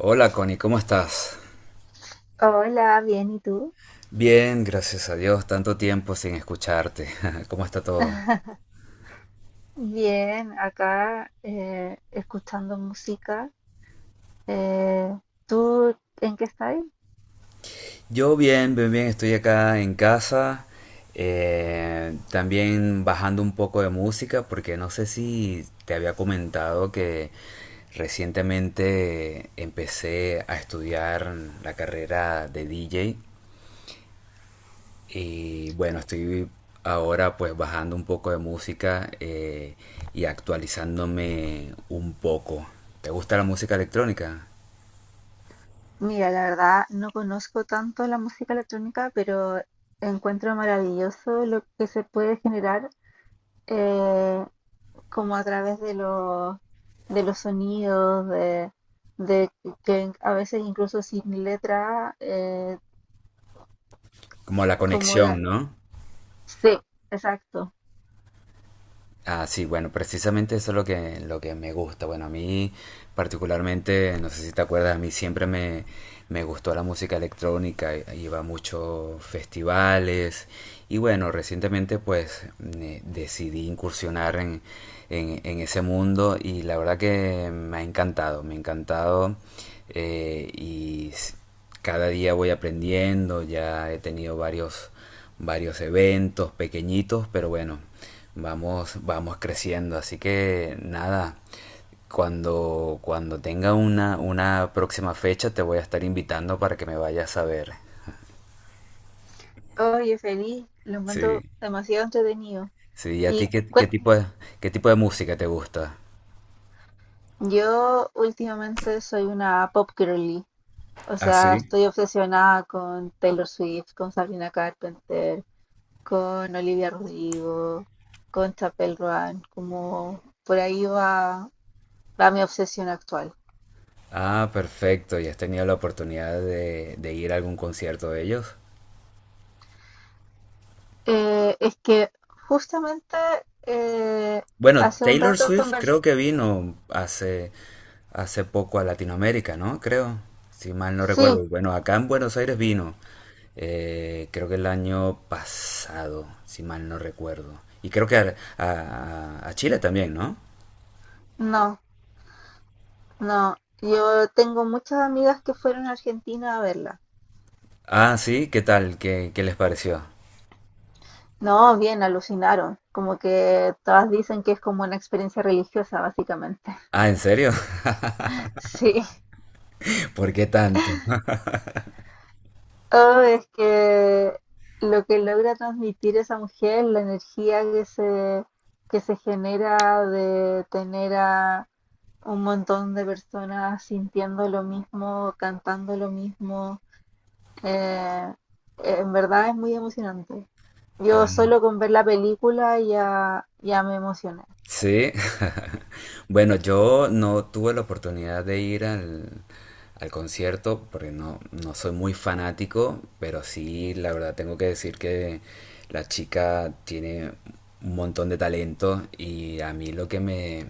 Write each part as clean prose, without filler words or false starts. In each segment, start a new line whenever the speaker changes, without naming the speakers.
Hola Connie, ¿cómo estás?
Hola, bien, ¿y tú?
Bien, gracias a Dios, tanto tiempo sin escucharte. ¿Cómo está todo?
Bien, acá escuchando música. Eh, ¿Tú en qué estás?
Yo bien, bien, bien, estoy acá en casa, también bajando un poco de música, porque no sé si te había comentado que recientemente empecé a estudiar la carrera de DJ. Y bueno, estoy ahora pues bajando un poco de música, y actualizándome un poco. ¿Te gusta la música electrónica?
Mira, la verdad no conozco tanto la música electrónica, pero encuentro maravilloso lo que se puede generar eh, como a través de de los sonidos, de que a veces incluso sin letra,
Como la
como la...
conexión, ¿no?
Sí, exacto.
Ah, sí, bueno, precisamente eso es lo que me gusta. Bueno, a mí particularmente, no sé si te acuerdas, a mí siempre me, me gustó la música electrónica, iba a muchos festivales y bueno, recientemente pues me decidí incursionar en ese mundo y la verdad que me ha encantado, me ha encantado, eh, y s- cada día voy aprendiendo, ya he tenido varios, varios eventos pequeñitos, pero bueno, vamos, vamos creciendo. Así que nada, cuando, cuando tenga una próxima fecha te voy a estar invitando para que me vayas a ver.
Oye, feliz, lo encuentro
Sí.
demasiado entretenido.
Sí, ¿y a ti
Y
qué, qué
cue-
tipo qué tipo de música te gusta?
yo últimamente soy una pop girly, o
Ah,
sea,
sí.
estoy obsesionada con Taylor Swift, con Sabrina Carpenter, con Olivia Rodrigo, con Chapel Roan, como por ahí va, va mi obsesión actual.
Ah, perfecto. ¿Y has tenido la oportunidad de ir a algún concierto de ellos?
Es que justamente eh,
Bueno,
hace un
Taylor
rato
Swift creo
conversé,
que vino hace, hace poco a Latinoamérica, ¿no? Creo, si mal no
sí,
recuerdo. Y bueno, acá en Buenos Aires vino, creo que el año pasado, si mal no recuerdo. Y creo que a, a Chile también, ¿no?
no, no, yo tengo muchas amigas que fueron a Argentina a verla.
Ah, sí, ¿qué tal? ¿Qué, qué les pareció?
No, bien, alucinaron. Como que todas dicen que es como una experiencia religiosa, básicamente.
Ah, ¿en serio?
Sí.
¿Por qué tanto?
Oh, es que lo que logra transmitir esa mujer, la energía que se genera de tener a un montón de personas sintiendo lo mismo, cantando lo mismo, eh, en verdad es muy emocionante. Yo
Ah.
solo con ver la película ya me emocioné.
Sí, bueno, yo no tuve la oportunidad de ir al concierto porque no, no soy muy fanático, pero sí, la verdad tengo que decir que la chica tiene un montón de talento y a mí lo que me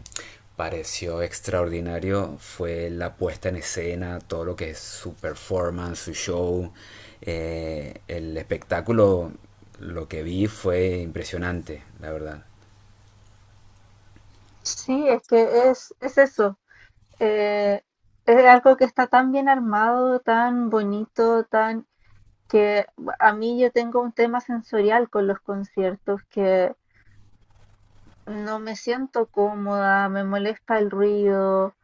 pareció extraordinario fue la puesta en escena, todo lo que es su performance, su show, el espectáculo, lo que vi fue impresionante, la verdad.
Sí, es que es eso. eh, es algo que está tan bien armado, tan bonito, tan que a mí yo tengo un tema sensorial con los conciertos que no me siento cómoda, me molesta el ruido,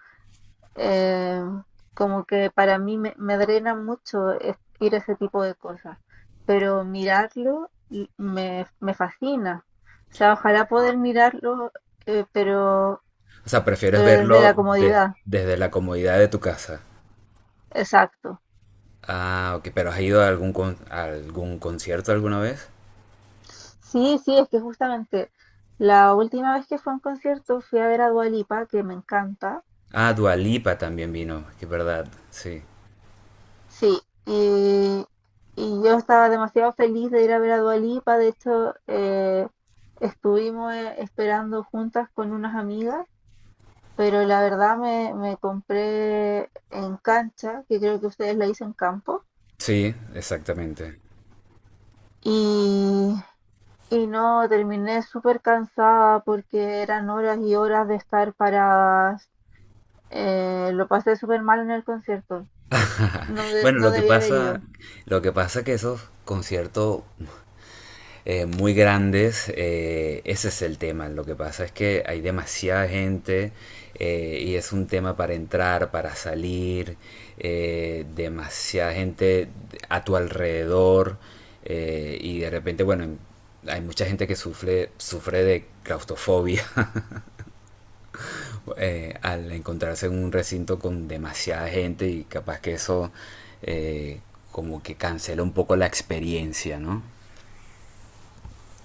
eh, como que para mí me drena mucho es- ir a ese tipo de cosas, pero mirarlo y- me fascina. O sea, ojalá poder mirarlo, eh, pero,
O sea, prefieres
pero desde la
verlo
comodidad.
desde la comodidad de tu casa.
Exacto.
Ah, ok, pero ¿has ido a algún, a algún concierto alguna vez?
Sí, sí, es que justamente la última vez que fue a un concierto fui a ver a Dua Lipa, que me encanta.
Ah, Dua Lipa también vino, que es verdad, sí.
Sí, y yo estaba demasiado feliz de ir a ver a Dua Lipa. De hecho, estuvimos esperando juntas con unas amigas, pero la verdad me compré en cancha, que creo que ustedes la hizo en campo,
Sí, exactamente.
y, y no, terminé súper cansada porque eran horas y horas de estar para. Lo pasé súper mal en el concierto. No, de-
Bueno,
no debía haber ido.
lo que pasa es que esos conciertos, muy grandes, ese es el tema. Lo que pasa es que hay demasiada gente, y es un tema para entrar, para salir, demasiada gente a tu alrededor, y de repente, bueno, hay mucha gente que sufre, sufre de claustrofobia. Al encontrarse en un recinto con demasiada gente y capaz que eso, eh, como que cancela un poco la experiencia, ¿no?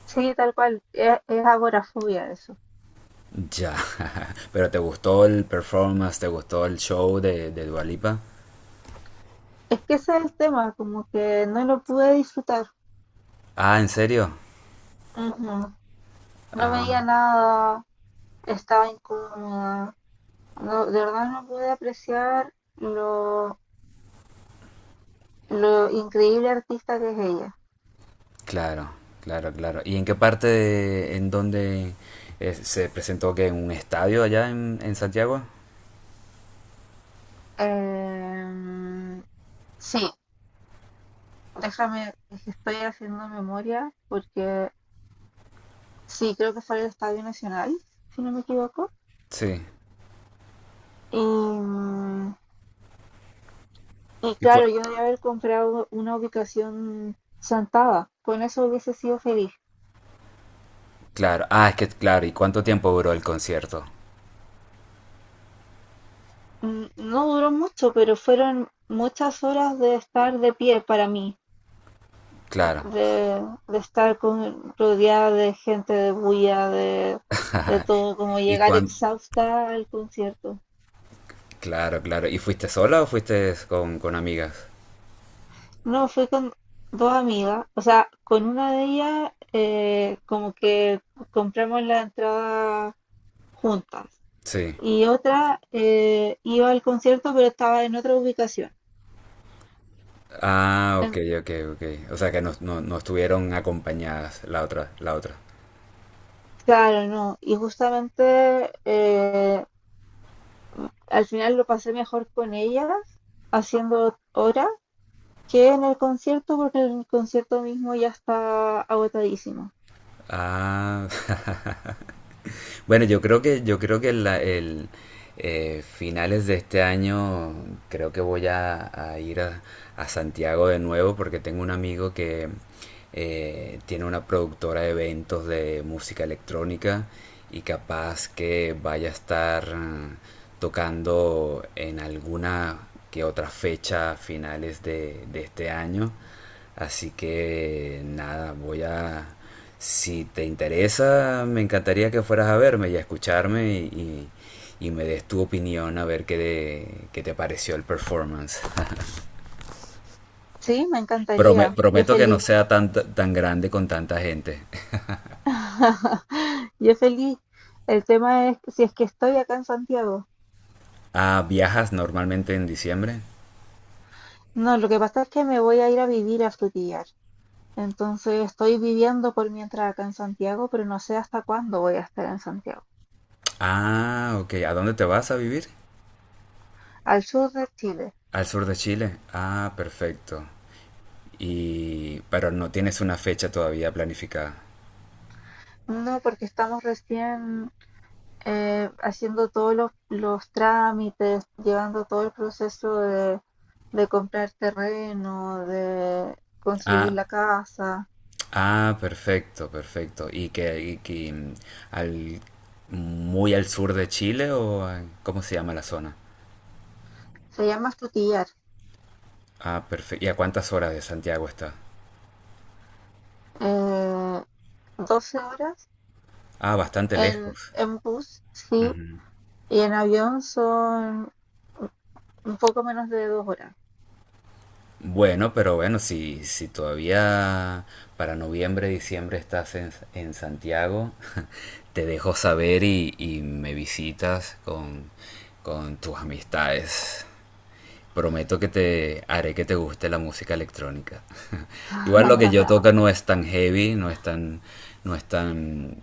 Sí, tal cual. Es agorafobia eso.
Ya, pero ¿te gustó el performance? ¿Te gustó el show de Dua Lipa?
Es que ese es el tema, como que no lo pude disfrutar.
Ah, ¿en serio?
Ujú. No
Ah,
veía nada, estaba incómoda. No, de verdad no pude apreciar lo increíble artista que es ella.
claro, claro, claro. ¿Y en qué parte en dónde, se presentó que en un estadio allá en Santiago?
Em, sí, déjame, es que estoy haciendo memoria porque sí, creo que fue el Estadio Nacional, si no me equivoco.
Sí.
Y, y
Y fue,
claro, yo debería haber comprado una ubicación Santaba. Con eso hubiese sido feliz.
claro, ah, es que claro, ¿y cuánto tiempo duró el concierto?
No duró mucho, pero fueron muchas horas de estar de pie para mí,
Claro.
de, de estar con, rodeada de gente, de bulla, de todo, como
¿Y
llegar
cuán,
exhausta al concierto.
claro, claro. ¿Y fuiste sola o fuiste con amigas?
No, fui con dos amigas, o sea, con una de ellas como que compramos la entrada juntas
Sí.
y otra iba al concierto pero estaba en otra ubicación.
Ah, ok,
En-
ok, ok. O sea que no, no, no estuvieron acompañadas la otra, la otra.
claro, no. Y justamente al final lo pasé mejor con ellas haciendo horas que en el concierto porque el concierto mismo ya está agotadísimo.
Ah, bueno, yo creo que el, finales de este año creo que voy a ir a Santiago de nuevo porque tengo un amigo que, tiene una productora de eventos de música electrónica y capaz que vaya a estar, tocando en alguna que otra fecha a finales de este año. Así que nada, voy a... Si te interesa, me encantaría que fueras a verme y a escucharme y me des tu opinión a ver qué, qué te pareció el performance.
Sí, me encantaría. Yo
Prometo que no
feliz.
sea tan, tan grande con tanta gente.
Yo feliz. El tema es si es que estoy acá en Santiago.
Ah, ¿viajas normalmente en diciembre?
No, lo que pasa es que me voy a ir a vivir a Frutillar. Entonces estoy viviendo por mientras acá en Santiago, pero no sé hasta cuándo voy a estar en Santiago.
Ah, ok. ¿A dónde te vas a vivir?
Al sur de Chile.
Al sur de Chile. Ah, perfecto. Y... pero no tienes una fecha todavía planificada.
No, porque estamos recién haciendo todos los trámites, llevando todo el proceso de comprar terreno, de construir
Ah,
la casa.
ah, perfecto, perfecto. ¿Y que, al, muy al sur de Chile o cómo se llama la zona?
Se llama estutillar.
Ah, perfecto. ¿Y a cuántas horas de Santiago está?
Eh, 12 horas
Ah, bastante lejos.
en bus, sí,
Ujú.
y en avión son un poco menos de 2 horas.
Bueno, pero bueno, si, si todavía para noviembre, diciembre estás en Santiago, te dejo saber y me visitas con tus amistades. Prometo que te haré que te guste la música electrónica. Igual lo que yo toca no es tan heavy, no es tan, no es tan,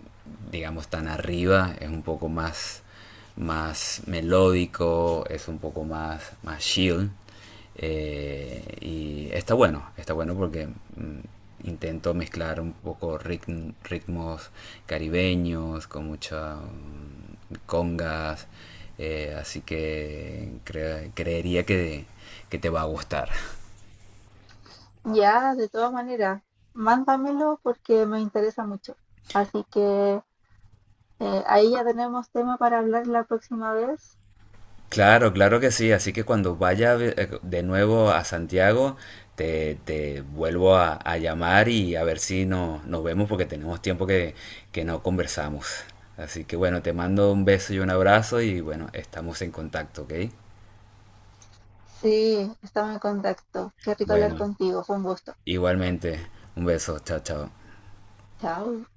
digamos, tan arriba, es un poco más, más melódico, es un poco más, más chill. Y está bueno porque, intento mezclar un poco ritmos caribeños con muchas congas, así que creería que te va a gustar.
Ya, de todas maneras, mándamelo porque me interesa mucho. Así que ahí ya tenemos tema para hablar la próxima vez.
Claro, claro que sí. Así que cuando vaya de nuevo a Santiago, te vuelvo a llamar y a ver si no, nos vemos porque tenemos tiempo que no conversamos. Así que bueno, te mando un beso y un abrazo y bueno, estamos en contacto, ¿ok?
Sí, estamos en contacto. Qué rico hablar
Bueno,
contigo. Fue un gusto.
igualmente, un beso, chao, chao.
Chao.